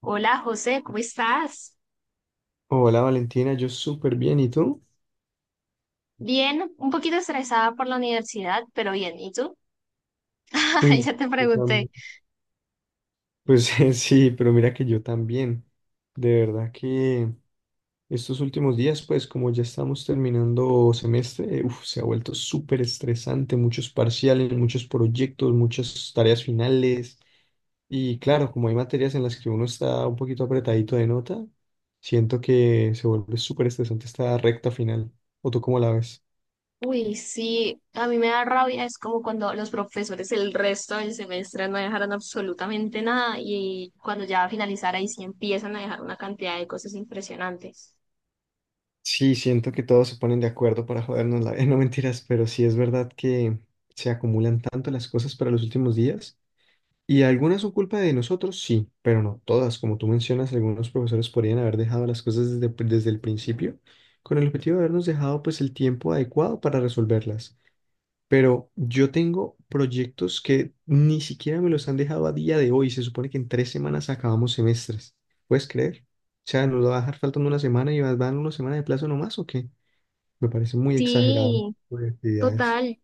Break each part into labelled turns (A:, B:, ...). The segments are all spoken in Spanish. A: Hola José, ¿cómo estás?
B: Hola Valentina, yo súper bien, ¿y tú?
A: Bien, un poquito estresada por la universidad, pero bien, ¿y tú?
B: Uy,
A: Ya te
B: yo
A: pregunté.
B: tam- pues sí, pero mira que yo también. De verdad que estos últimos días, pues como ya estamos terminando semestre, se ha vuelto súper estresante, muchos parciales, muchos proyectos, muchas tareas finales. Y claro, como hay materias en las que uno está un poquito apretadito de nota, siento que se vuelve súper estresante esta recta final. ¿O tú cómo la ves?
A: Uy, sí, a mí me da rabia, es como cuando los profesores el resto del semestre no dejaron absolutamente nada y cuando ya va a finalizar ahí sí empiezan a dejar una cantidad de cosas impresionantes.
B: Sí, siento que todos se ponen de acuerdo para jodernos la vida, no mentiras, pero sí es verdad que se acumulan tanto las cosas para los últimos días y algunas son culpa de nosotros, sí, pero no todas. Como tú mencionas, algunos profesores podrían haber dejado las cosas desde el principio con el objetivo de habernos dejado pues el tiempo adecuado para resolverlas. Pero yo tengo proyectos que ni siquiera me los han dejado a día de hoy. Se supone que en tres semanas acabamos semestres. ¿Puedes creer? O sea, nos va a dejar faltando una semana y van una semana de plazo nomás, ¿o qué? Me parece muy exagerado
A: Sí,
B: de actividades.
A: total.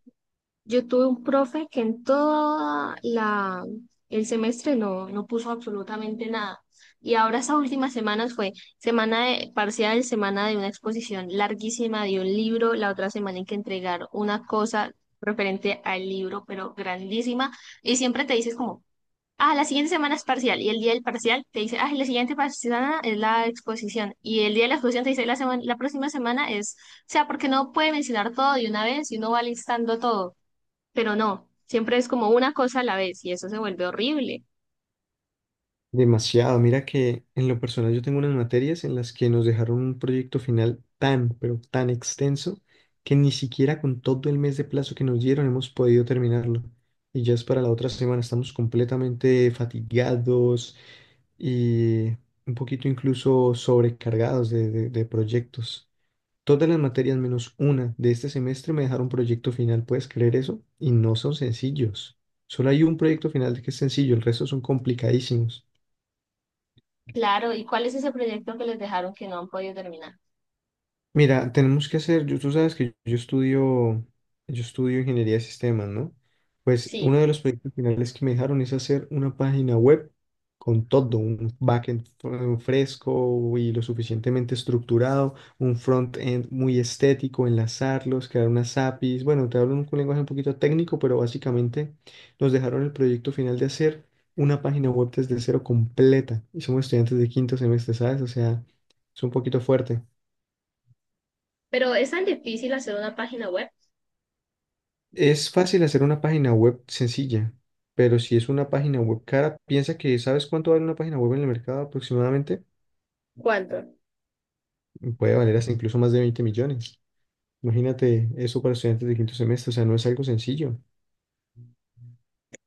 A: Yo tuve un profe que en el semestre no puso absolutamente nada. Y ahora esas últimas semanas fue semana de parcial, semana de una exposición larguísima de un libro, la otra semana hay que entregar una cosa referente al libro, pero grandísima. Y siempre te dices como, ah, la siguiente semana es parcial. Y el día del parcial te dice, ah, la siguiente semana es la exposición. Y el día de la exposición te dice, la próxima semana es, o sea, porque no puede mencionar todo de una vez y uno va listando todo, pero no, siempre es como una cosa a la vez y eso se vuelve horrible.
B: Demasiado. Mira que en lo personal yo tengo unas materias en las que nos dejaron un proyecto final tan, pero tan extenso que ni siquiera con todo el mes de plazo que nos dieron hemos podido terminarlo. Y ya es para la otra semana. Estamos completamente fatigados y un poquito incluso sobrecargados de proyectos. Todas las materias menos una de este semestre me dejaron proyecto final, ¿puedes creer eso? Y no son sencillos. Solo hay un proyecto final que es sencillo, el resto son complicadísimos.
A: Claro, ¿y cuál es ese proyecto que les dejaron que no han podido terminar?
B: Mira, tenemos que hacer, tú sabes que yo estudio ingeniería de sistemas, ¿no? Pues uno
A: Sí,
B: de los proyectos finales que me dejaron es hacer una página web con todo, un backend fresco y lo suficientemente estructurado, un frontend muy estético, enlazarlos, crear unas APIs. Bueno, te hablo en un lenguaje un poquito técnico, pero básicamente nos dejaron el proyecto final de hacer una página web desde cero completa. Y somos estudiantes de quinto semestre, ¿sabes? O sea, es un poquito fuerte.
A: pero es tan difícil hacer una página web.
B: Es fácil hacer una página web sencilla, pero si es una página web cara, piensa que ¿sabes cuánto vale una página web en el mercado aproximadamente?
A: ¿Cuánto?
B: Puede valer hasta incluso más de 20 millones. Imagínate eso para estudiantes de quinto semestre, o sea, no es algo sencillo.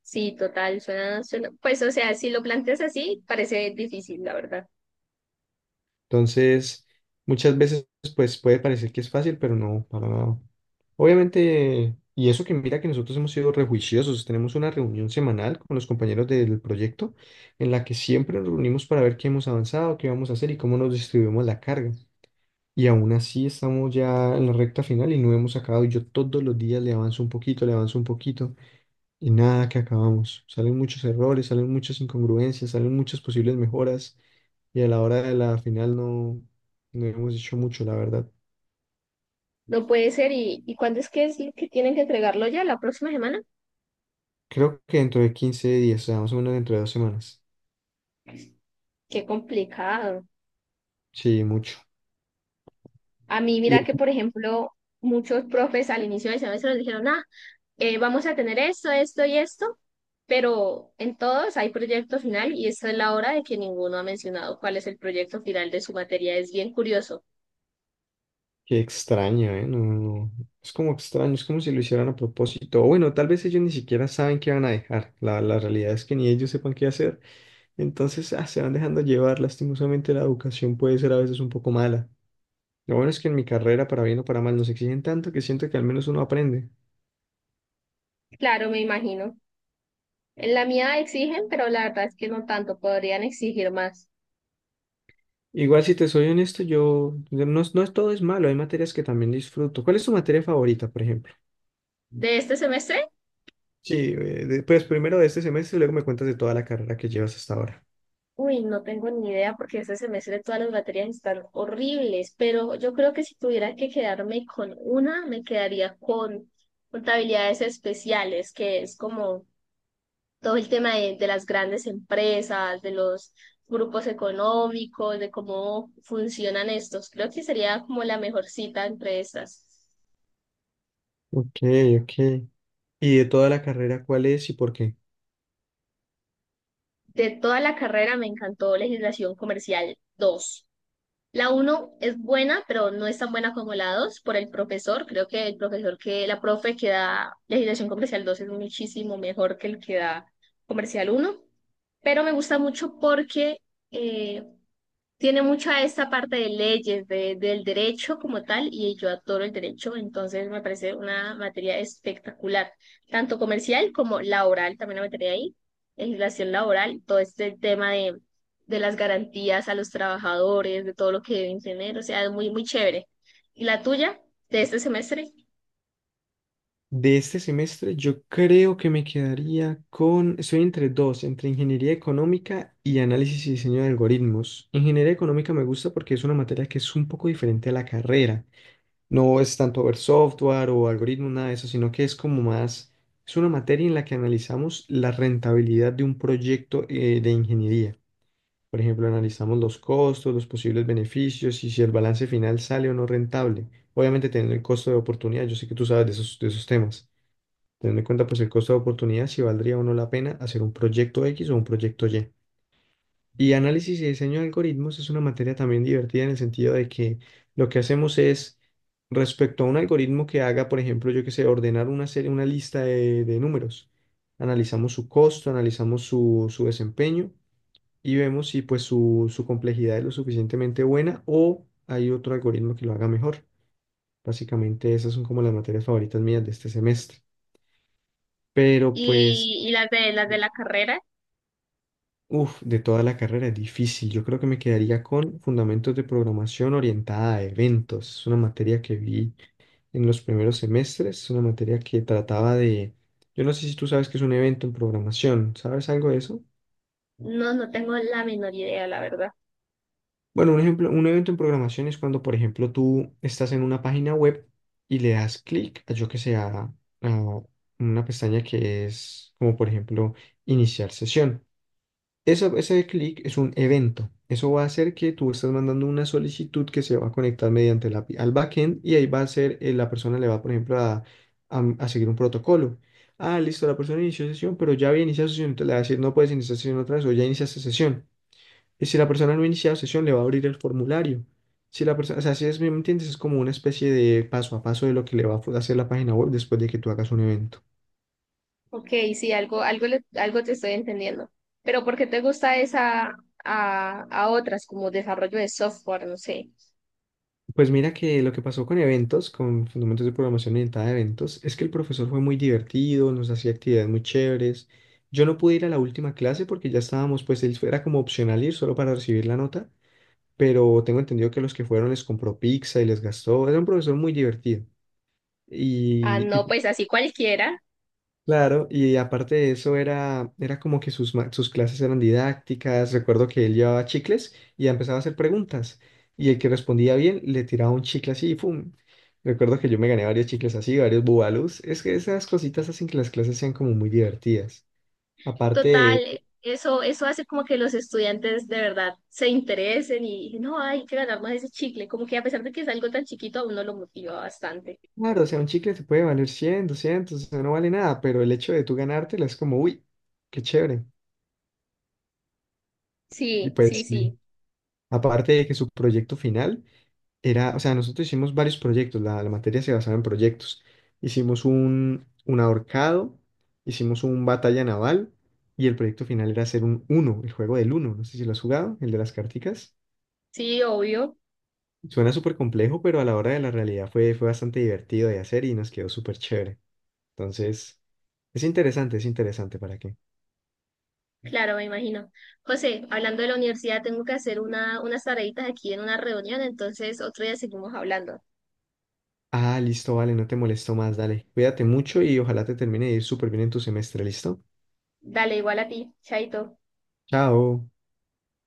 A: Sí, total, pues o sea, si lo planteas así, parece difícil, la verdad.
B: Entonces, muchas veces pues puede parecer que es fácil, pero no, para nada. Obviamente, y eso que mira que nosotros hemos sido rejuiciosos, tenemos una reunión semanal con los compañeros del proyecto en la que siempre nos reunimos para ver qué hemos avanzado, qué vamos a hacer y cómo nos distribuimos la carga. Y aún así estamos ya en la recta final y no hemos acabado. Y yo todos los días le avanzo un poquito, le avanzo un poquito y nada que acabamos. Salen muchos errores, salen muchas incongruencias, salen muchas posibles mejoras y a la hora de la final no hemos hecho mucho, la verdad.
A: No puede ser, ¿y cuándo es que es lo que tienen que entregarlo ya? ¿La próxima semana?
B: Creo que dentro de 15 días, o sea, más o menos dentro de dos semanas.
A: Qué complicado.
B: Sí, mucho.
A: A mí,
B: Y
A: mira que, por ejemplo, muchos profes al inicio del semestre nos dijeron, ah, vamos a tener esto, esto y esto, pero en todos hay proyecto final y esta es la hora de que ninguno ha mencionado cuál es el proyecto final de su materia. Es bien curioso.
B: qué extraño, ¿eh? No, no, no. Es como extraño, es como si lo hicieran a propósito. O bueno, tal vez ellos ni siquiera saben qué van a dejar. La realidad es que ni ellos sepan qué hacer. Entonces, se van dejando llevar. Lastimosamente la educación puede ser a veces un poco mala. Lo bueno es que en mi carrera, para bien o para mal, nos exigen tanto que siento que al menos uno aprende.
A: Claro, me imagino. En la mía exigen, pero la verdad es que no tanto, podrían exigir más.
B: Igual, si te soy honesto, yo yo no, es- no es todo es malo, hay materias que también disfruto. ¿Cuál es tu materia favorita, por ejemplo?
A: ¿De este semestre?
B: Sí, pues primero de este semestre y luego me cuentas de toda la carrera que llevas hasta ahora.
A: Uy, no tengo ni idea porque este semestre todas las materias están horribles, pero yo creo que si tuviera que quedarme con una, me quedaría con contabilidades especiales, que es como todo el tema de las grandes empresas, de los grupos económicos, de cómo funcionan estos. Creo que sería como la mejor cita entre estas.
B: Ok, ok. ¿Y de toda la carrera cuál es y por qué?
A: De toda la carrera me encantó legislación comercial dos. La uno es buena, pero no es tan buena como la 2 por el profesor. Creo que el profesor que, la profe que da legislación comercial 2 es muchísimo mejor que el que da comercial uno. Pero me gusta mucho porque eh, tiene mucha esta parte de leyes, del derecho como tal, y yo adoro el derecho, entonces me parece una materia espectacular, tanto comercial como laboral, también la materia ahí, legislación laboral, todo este tema de las garantías a los trabajadores, de todo lo que deben tener, o sea, es muy, muy chévere. ¿Y la tuya de este semestre?
B: De este semestre yo creo que me quedaría con, estoy entre dos, entre ingeniería económica y análisis y diseño de algoritmos. Ingeniería económica me gusta porque es una materia que es un poco diferente a la carrera. No es tanto ver software o algoritmos, nada de eso, sino que es como más, es una materia en la que analizamos la rentabilidad de un proyecto de ingeniería. Por ejemplo, analizamos los costos, los posibles beneficios y si el balance final sale o no rentable. Obviamente teniendo el costo de oportunidad, yo sé que tú sabes de esos temas. Teniendo en cuenta pues el costo de oportunidad, si valdría o no la pena hacer un proyecto X o un proyecto Y. Y análisis y diseño de algoritmos es una materia también divertida en el sentido de que lo que hacemos es, respecto a un algoritmo que haga, por ejemplo, yo que sé, ordenar una serie, una lista de números, analizamos su costo, analizamos su desempeño y vemos si pues su complejidad es lo suficientemente buena o hay otro algoritmo que lo haga mejor. Básicamente esas son como las materias favoritas mías de este semestre. Pero pues...
A: Y las de la carrera,
B: Uf, de toda la carrera es difícil. Yo creo que me quedaría con fundamentos de programación orientada a eventos. Es una materia que vi en los primeros semestres. Es una materia que trataba de... Yo no sé si tú sabes qué es un evento en programación. ¿Sabes algo de eso?
A: no tengo la menor idea, la verdad.
B: Bueno, un ejemplo, un evento en programación es cuando, por ejemplo, tú estás en una página web y le das clic a, yo que sé, a una pestaña que es como, por ejemplo, iniciar sesión. Ese clic es un evento. Eso va a hacer que tú estás mandando una solicitud que se va a conectar mediante la API al backend y ahí va a ser, la persona le va, por ejemplo, a seguir un protocolo. Ah, listo, la persona inició sesión, pero ya había iniciado sesión, entonces le va a decir, no puedes iniciar sesión otra vez o ya iniciaste sesión. Y si la persona no ha iniciado sesión, le va a abrir el formulario. Si la persona, o sea, si es, ¿me entiendes? Es como una especie de paso a paso de lo que le va a hacer la página web después de que tú hagas un evento.
A: Ok, sí, algo te estoy entendiendo. Pero ¿por qué te gusta esa a otras como desarrollo de software? No sé.
B: Pues mira que lo que pasó con eventos, con fundamentos de programación orientada a eventos, es que el profesor fue muy divertido, nos hacía actividades muy chéveres. Yo no pude ir a la última clase porque ya estábamos, pues él era como opcional ir solo para recibir la nota, pero tengo entendido que los que fueron les compró pizza y les gastó. Era un profesor muy divertido.
A: Ah,
B: Y, y
A: no, pues así cualquiera.
B: Claro, y aparte de eso era como que sus, sus clases eran didácticas, recuerdo que él llevaba chicles y empezaba a hacer preguntas y el que respondía bien le tiraba un chicle así y ¡pum! Recuerdo que yo me gané varios chicles así, varios bubalus, es que esas cositas hacen que las clases sean como muy divertidas. Aparte de,
A: Total, eso hace como que los estudiantes de verdad se interesen y no, hay que ganar más ese chicle. Como que a pesar de que es algo tan chiquito, a uno lo motiva bastante.
B: claro, o sea, un chicle te puede valer 100, 200, o sea, no vale nada, pero el hecho de tú ganártela es como, uy, qué chévere. Y
A: Sí, sí,
B: pues,
A: sí.
B: sí, aparte de que su proyecto final... era, o sea, nosotros hicimos varios proyectos, la materia se basaba en proyectos. Hicimos un ahorcado, hicimos un batalla naval y el proyecto final era hacer un uno, el juego del uno, no sé si lo has jugado, el de las carticas.
A: Sí, obvio.
B: Suena súper complejo, pero a la hora de la realidad fue bastante divertido de hacer y nos quedó súper chévere. Entonces, es interesante, ¿para qué?
A: Claro, me imagino. José, hablando de la universidad, tengo que hacer unas tareitas aquí en una reunión, entonces otro día seguimos hablando.
B: Ah, listo, vale, no te molesto más, dale. Cuídate mucho y ojalá te termine de ir súper bien en tu semestre, ¿listo?
A: Dale, igual a ti, Chaito.
B: Chao.